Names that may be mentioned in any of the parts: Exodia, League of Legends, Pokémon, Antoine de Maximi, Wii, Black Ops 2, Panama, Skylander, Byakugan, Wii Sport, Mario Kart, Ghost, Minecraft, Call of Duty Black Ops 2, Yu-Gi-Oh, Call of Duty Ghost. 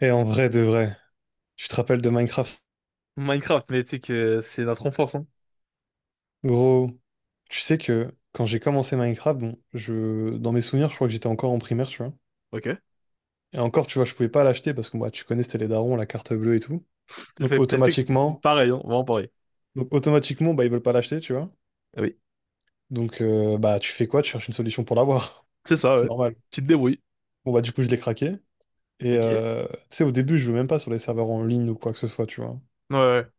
Et en vrai de vrai, tu te rappelles de Minecraft? Minecraft, mais tu sais que c'est notre enfance, hein. Gros, tu sais que quand j'ai commencé Minecraft, bon, dans mes souvenirs, je crois que j'étais encore en primaire, tu vois. Ok. Et encore, tu vois, je pouvais pas l'acheter parce que moi, tu connais, c'était les darons, la carte bleue et tout. Donc Fait, automatiquement, pareil, hein, vraiment pareil. donc automatiquement, bah ils veulent pas l'acheter, tu vois. Ah oui, Donc bah tu fais quoi? Tu cherches une solution pour l'avoir. c'est ça, ouais. Normal. Tu te débrouilles. Bon bah du coup, je l'ai craqué. Et Ok. Ouais, tu sais, au début, je jouais même pas sur les serveurs en ligne ou quoi que ce soit, tu vois. ouais.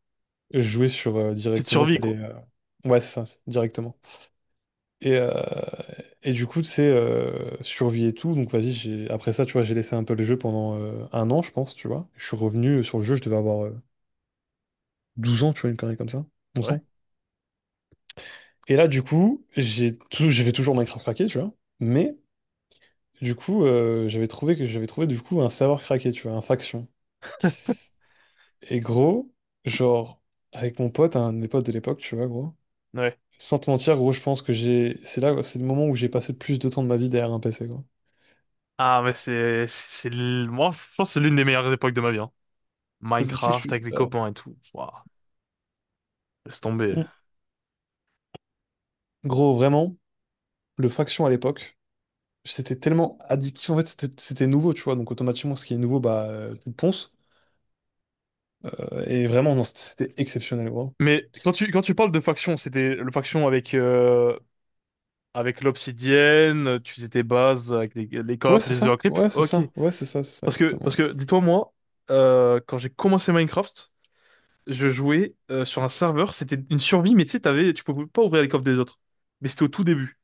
Je jouais sur Tu te directement, survis, c'est les. quoi. Ouais, c'est ça, directement. Et, euh, et du coup, tu sais, survie et tout. Donc, vas-y, après ça, tu vois, j'ai laissé un peu le jeu pendant un an, je pense, tu vois. Je suis revenu sur le jeu, je devais avoir 12 ans, tu vois, une connerie comme ça, 11 Ouais. ans. Et là, du coup, j'ai fait toujours Minecraft craqué, tu vois. Mais, du coup, j'avais trouvé, du coup, un serveur craqué, tu vois, un faction. Et gros, genre, avec mon pote, un des potes de l'époque, tu vois, gros. Ouais. Sans te mentir, gros, je pense que c'est là, c'est le moment où j'ai passé le plus de temps de ma vie derrière un PC, quoi. Ah, mais moi, je pense que c'est l'une des meilleures époques de ma vie, hein. Et tu sais que je Minecraft suis... avec les Bah, copains et tout. Ouah, laisse tomber. gros, vraiment, le Faction à l'époque, c'était tellement addictif. En fait, c'était nouveau, tu vois. Donc, automatiquement, ce qui est nouveau, bah, tu le ponces. Et vraiment, non, c'était exceptionnel, gros. Mais quand tu parles de faction, c'était le faction avec l'obsidienne, tu faisais tes bases avec les Ouais, coffres, c'est les ça. œufs à creep. Ouais, c'est Ok. ça. Ouais, c'est ça, Parce que, parce exactement. que, dis-toi, moi, quand j'ai commencé Minecraft, je jouais sur un serveur, c'était une survie, mais tu sais, tu pouvais pas ouvrir les coffres des autres. Mais c'était au tout début.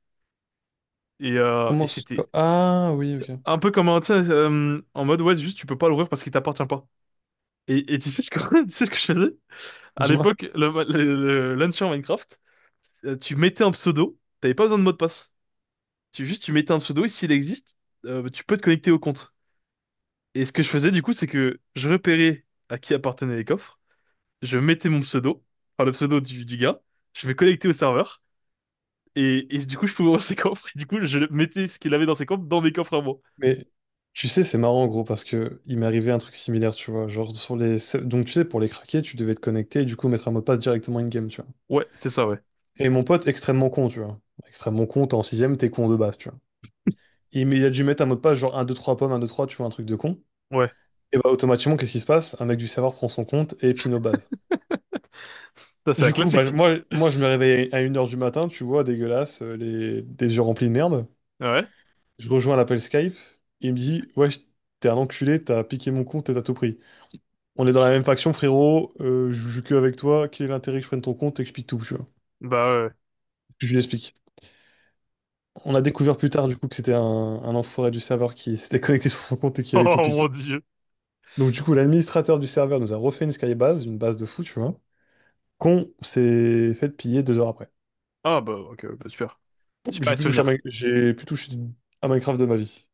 Et Comment. C'était Ah, oui, ok. un peu comme un, tu sais, en mode, ouais, juste tu peux pas l'ouvrir parce qu'il t'appartient pas. Et tu sais ce que, tu sais ce que je faisais? À Dis-moi. l'époque, le launcher Minecraft, tu mettais un pseudo, t'avais pas besoin de mot de passe. Juste, tu mettais un pseudo et s'il existe, tu peux te connecter au compte. Et ce que je faisais, du coup, c'est que je repérais à qui appartenaient les coffres, je mettais mon pseudo, enfin le pseudo du gars, je vais connecter au serveur. Et du coup, je pouvais ouvrir ses coffres. Et du coup, je mettais ce qu'il avait dans ses coffres dans mes coffres à moi. Mais tu sais, c'est marrant, gros, parce que il m'est arrivé un truc similaire, tu vois. Genre, sur les. Donc, tu sais, pour les craquer, tu devais te connecter et du coup, mettre un mot de passe directement in-game, tu vois. Ouais, c'est ça, ouais. Et mon pote, extrêmement con, tu vois. Extrêmement con, t'es en sixième, t'es con de base, tu vois. Il a dû mettre un mot de passe, genre un 2 3 pommes, un 2 3 tu vois, un truc de con. Ouais. Et bah, automatiquement, qu'est-ce qui se passe? Un mec du serveur prend son compte et pin aux bases. Ça, c'est la Du coup, bah, classique. moi, je me réveille à 1 heure du matin, tu vois, dégueulasse, les, des yeux remplis de merde. Ouais. Je rejoins l'appel Skype. Il me dit, ouais, t'es un enculé, t'as piqué mon compte et t'as tout pris. On est dans la même faction, frérot, je joue que avec toi, quel est l'intérêt que je prenne ton compte? T'expliques tout, tu vois. Bah ouais. Je lui explique. On a découvert plus tard, du coup, que c'était un enfoiré du serveur qui s'était connecté sur son compte et qui avait tout Oh piqué. mon Dieu. Donc du coup, l'administrateur du serveur nous a refait une skybase, une base de fou, tu vois, qu'on s'est fait piller 2 heures après. Ah bah ok, ouais, bah, super. J'ai Super plus touché à, souvenir. Mi- j'ai plus touché à Minecraft de ma vie.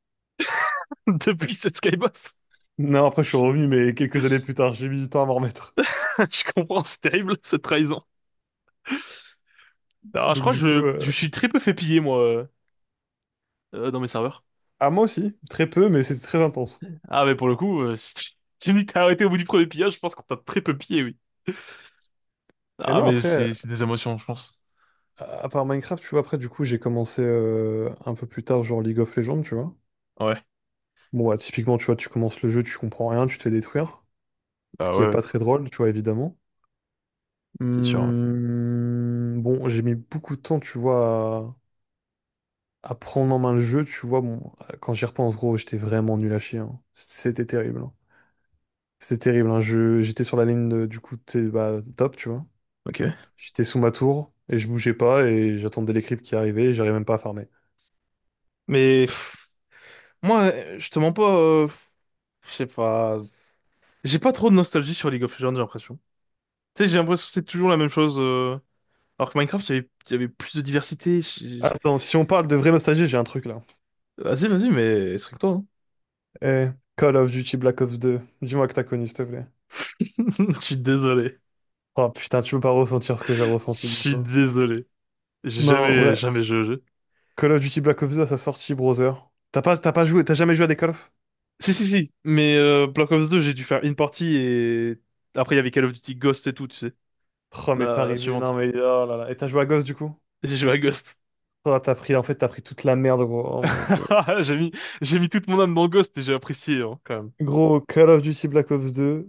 Depuis cette Skybox. Non, après je suis revenu, mais quelques années plus tard, j'ai mis du temps à m'en remettre. Je comprends, c'est terrible, cette trahison. Alors, je Donc crois que du coup, je suis très peu fait piller, moi, dans mes serveurs. à moi aussi, très peu, mais c'était très intense. Ah mais pour le coup, si tu me dis que t'as arrêté au bout du premier pillage, je pense qu'on t'a très peu pillé, oui. Et Ah non, mais après, c'est des émotions, je pense. à part Minecraft, tu vois, après du coup, j'ai commencé un peu plus tard, genre League of Legends, tu vois. Ouais. Bon, bah, typiquement, tu vois, tu commences le jeu, tu comprends rien, tu te fais détruire, ce Bah qui ouais, est pas ouais. très drôle, tu vois, évidemment. C'est sûr, ouais. Bon, j'ai mis beaucoup de temps, tu vois, à prendre en main le jeu, tu vois. Bon, quand j'y repense, gros, j'étais vraiment nul à chier, hein. C'était terrible, hein. C'était terrible, hein. J'étais sur la ligne du coup, tu sais, bah, top, tu vois. Ok. J'étais sous ma tour et je bougeais pas et j'attendais les creeps qui arrivaient et j'arrivais même pas à farmer. Mais pff, moi, je te mens pas, je sais pas. J'ai pas trop de nostalgie sur League of Legends, j'ai l'impression. Tu sais, j'ai l'impression que c'est toujours la même chose, alors que Minecraft, il y avait plus de diversité. Attends, si on parle de vraie nostalgie, j'ai un truc là. Vas-y, vas-y, mais explique-toi, hein. Eh, Call of Duty Black Ops 2, dis-moi que t'as connu, s'il te plaît. Je suis désolé. Oh putain, tu peux pas ressentir ce que j'ai Je ressenti du suis coup. désolé. J'ai Non, jamais, jamais joué au jeu. Call of Duty Black Ops 2 à sa sortie, browser. T'as pas joué, t'as jamais joué à des Call of? Si, si, si. Mais Black Ops 2, j'ai dû faire une partie et après, il y avait Call of Duty Ghost et tout, tu sais. Oh, mais t'es La arrivé. Non, suivante. mais oh là là. Et t'as joué à Ghost du coup? J'ai joué à Ghost. Oh, t'as pris, en fait, t'as pris toute la merde, gros. Oh mon dieu. J'ai mis, j'ai mis toute mon âme dans Ghost et j'ai apprécié, hein, quand même. Gros, Call of Duty Black Ops 2,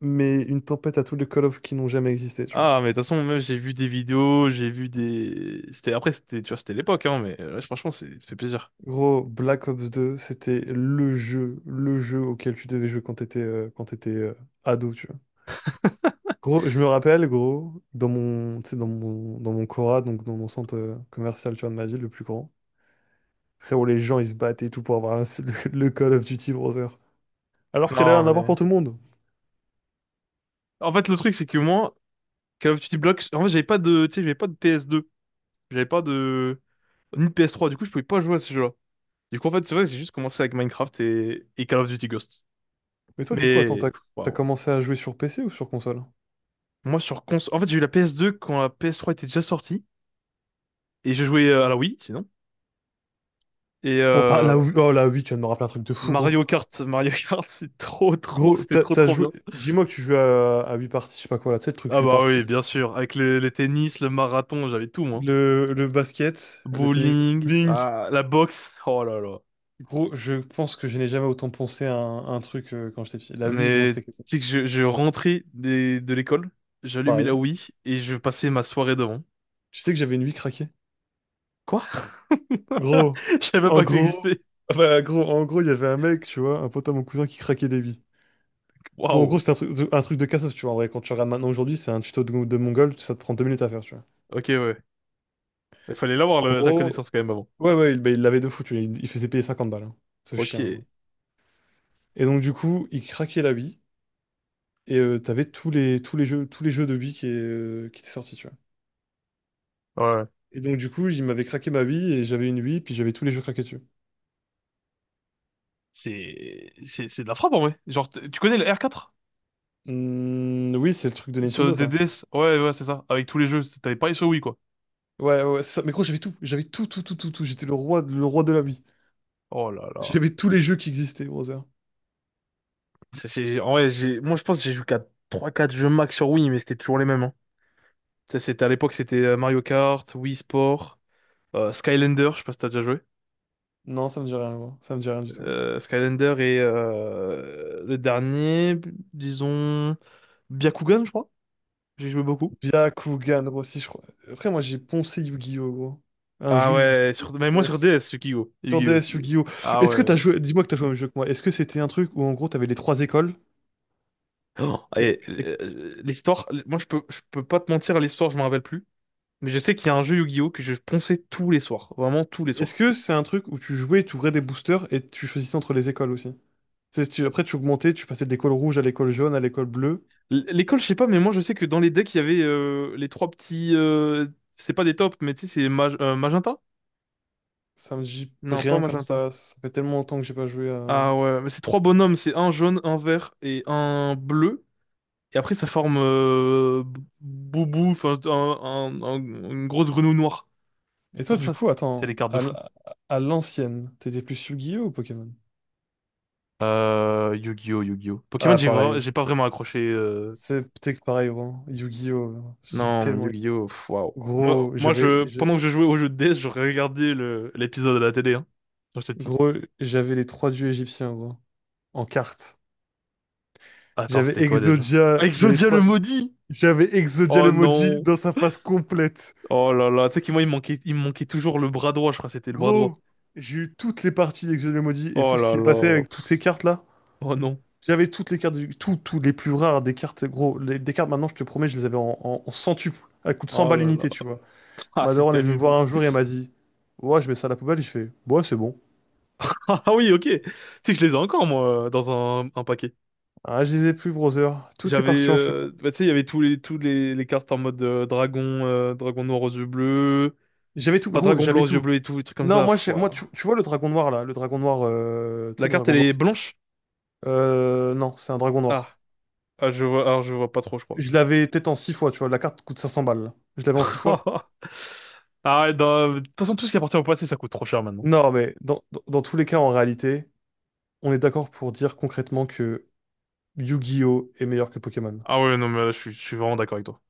mais une tempête à tous les Call of qui n'ont jamais existé, tu vois. Ah, mais de toute façon, même j'ai vu des vidéos, j'ai vu des. C'était après, tu vois, c'était l'époque, hein, mais franchement, ça fait plaisir. Gros, Black Ops 2, c'était le jeu auquel tu devais jouer quand t'étais ado, tu vois. Gros, je me rappelle, gros, dans mon Cora, donc dans mon centre commercial, tu vois, de ma ville, le plus grand. Frérot, les gens, ils se battent et tout pour avoir le, Call of Duty Brother. Alors qu'il allait en Non, a un avoir mais pour tout le monde. en fait, le truc, c'est que moi, Call of Duty Black, en fait, j'avais pas de, tu sais, j'avais pas de PS2, j'avais pas de ni de PS3, du coup, je pouvais pas jouer à ces jeux-là. Du coup, en fait, c'est vrai, que j'ai juste commencé avec Minecraft et Call of Duty Ghost. Mais toi, du coup, attends, Mais t'as, pff, t'as waouh, commencé à jouer sur PC ou sur console? En fait, j'ai eu la PS2 quand la PS3 était déjà sortie et je jouais à la Wii, sinon. Et Oh, pas, là, oui, oh, là, oui, tu viens de me rappeler un truc de fou, gros. Mario Kart, Mario Kart, Gros, c'était trop, trop bien. Dis-moi que tu joues à huit parties, je sais pas quoi, là, tu sais, le truc Ah 8 bah oui, parties. bien sûr. Avec le tennis, le marathon, j'avais tout, moi. Le basket, le tennis, le Bowling, bowling. ah, la boxe. Oh là là. Gros, je pense que je n'ai jamais autant pensé à un truc quand j'étais petit. La Wii, gros, Mais c'était quelque chose. tu sais que je rentrais de l'école, j'allumais la Pareil. Wii et je passais ma soirée devant. Tu sais que j'avais une Wii craquée? Quoi? Gros, Je savais même en pas que ça gros, existait. enfin, gros, en gros, il y avait un mec, tu vois, un pote à mon cousin qui craquait des billes. Bon, en Waouh. gros, c'était un truc de cassos, tu vois. En vrai, quand tu regardes maintenant aujourd'hui, c'est un tuto de Mongol, ça te prend 2 minutes à faire, tu vois. Ok, ouais. Il fallait l'avoir, En la gros, connaissance quand même avant. ouais, ouais, bah, il l'avait de fou, tu vois. Il faisait payer 50 balles, hein, ce chien, Ok. gros. Et donc, du coup, il craquait la bille, et t'avais tous les jeux de billes qui étaient sortis, tu vois. Ouais. Et donc, du coup, il m'avait craqué ma bille, et j'avais une bille, puis j'avais tous les jeux craqués dessus. C'est de la frappe en vrai. Genre, tu connais le R4? Oui, c'est le truc de Sur Nintendo, ça. DDS? Ouais, ouais, c'est ça. Avec tous les jeux, t'avais pas sur Wii, quoi. Ouais, ouais, c'est ça. Mais gros, j'avais tout. J'avais tout, tout, tout, tout, tout. J'étais le roi, le roi de la vie. Oh là là. J'avais tous les jeux qui existaient, Brother. En vrai, moi, je pense que j'ai joué qu'à trois quatre jeux max sur Wii, mais c'était toujours les mêmes, hein. Ça, c'était à l'époque, c'était Mario Kart, Wii Sport, Skylander, je sais pas si t'as déjà joué. Non, ça me dit rien, gros. Ça me dit rien du tout. Skylander et le dernier, disons, Byakugan, je crois. J'ai joué beaucoup. Byakugan, gros, si je crois. Après, moi, j'ai poncé Yu-Gi-Oh, gros. Un Ah jeu ouais, Yu-Gi-Oh sur mais moi sur DS. DS, Yu-Gi-Oh! Sur Yu-Gi-Oh! DS, Aussi. Yu-Gi-Oh. Ah Est-ce que ouais. t'as joué... Dis-moi que t'as joué au même jeu que moi. Est-ce que c'était un truc où, en gros, t'avais les trois écoles? Oh, Les- et, les- l'histoire, moi, je peux pas te mentir, l'histoire, je m'en rappelle plus. Mais je sais qu'il y a un jeu Yu-Gi-Oh! Que je ponçais tous les soirs. Vraiment tous les Est-ce soirs. que c'est un truc où tu jouais, tu ouvrais des boosters et tu choisissais entre les écoles aussi? Après, tu augmentais, tu passais de l'école rouge à l'école jaune à l'école bleue. L'école, je sais pas, mais moi je sais que dans les decks, il y avait les trois petits, c'est pas des tops, mais tu sais, magenta? Ça me dit Non, pas rien comme magenta. ça. Ça fait tellement longtemps que j'ai pas joué à. Ah ouais, mais c'est trois bonhommes, c'est un jaune, un vert et un bleu. Et après, ça forme Boubou, enfin, une grosse grenouille noire. Et toi, Ça, du ça, coup, c'est attends, les cartes de à l- fou. à l'ancienne, t'étais plus Yu-Gi-Oh ou Pokémon? Yu-Gi-Oh, Yu-Gi-Oh. Pokémon, Ah, pareil. j'ai pas vraiment accroché, C'est peut-être que pareil, vraiment. Yu-Gi-Oh, hein, j'ai non, mais tellement... Yu-Gi-Oh, pff, waouh. Moi, Gros, moi, pendant que je jouais au jeu de DS, je regardais l'épisode à la télé, hein, quand j'étais petit. Gros, j'avais les trois dieux égyptiens, gros, en carte. Attends, J'avais c'était quoi déjà? Exodia, Ah, mais les Exodia le trois... maudit! J'avais Exodia Oh le maudit non! dans sa face complète. Oh là là, tu sais que moi il me manquait toujours le bras droit, je crois que c'était le bras droit. Gros, j'ai eu toutes les parties d'Exodia le maudit. Et tu Oh sais ce qui là s'est passé là, avec toutes pff, ces cartes-là? oh non, J'avais toutes les cartes, tout, toutes les plus rares des cartes, gros. Des cartes, maintenant, je te promets, je les avais en centuple. Elles coûtent 100 oh balles là là, l'unité, tu vois. ah Ma c'est daronne est venue me terrible. voir un jour et elle m'a dit, ouais, je mets ça à la poubelle. Et je fais, ouais, c'est bon. Ah oui, ok, tu sais que je les ai encore moi dans un paquet. Ah, je les ai plus, brother. Tout est J'avais, parti en fumée. Bah, tu sais il y avait les cartes en mode dragon noir aux yeux bleus, J'avais tout, pas gros, dragon blanc j'avais aux yeux tout. bleus et tout, des trucs comme Non, ça. moi, Pff, je- moi tu, ouah. tu vois le dragon noir, là. Le dragon noir, tu La sais, le carte dragon elle noir. est blanche? Non, c'est un dragon Ah, noir. ah, je vois, alors je vois pas trop je crois. Je l'avais peut-être en 6 fois, tu vois. La carte coûte 500 balles, là. Je l'avais en 6 fois. Arrête, non, de toute façon, tout ce qui appartient au passé, ça coûte trop cher maintenant. Non, mais dans tous les cas, en réalité, on est d'accord pour dire concrètement que Yu-Gi-Oh! Est meilleur que Pokémon. Ah ouais, non, mais là, je suis vraiment d'accord avec toi.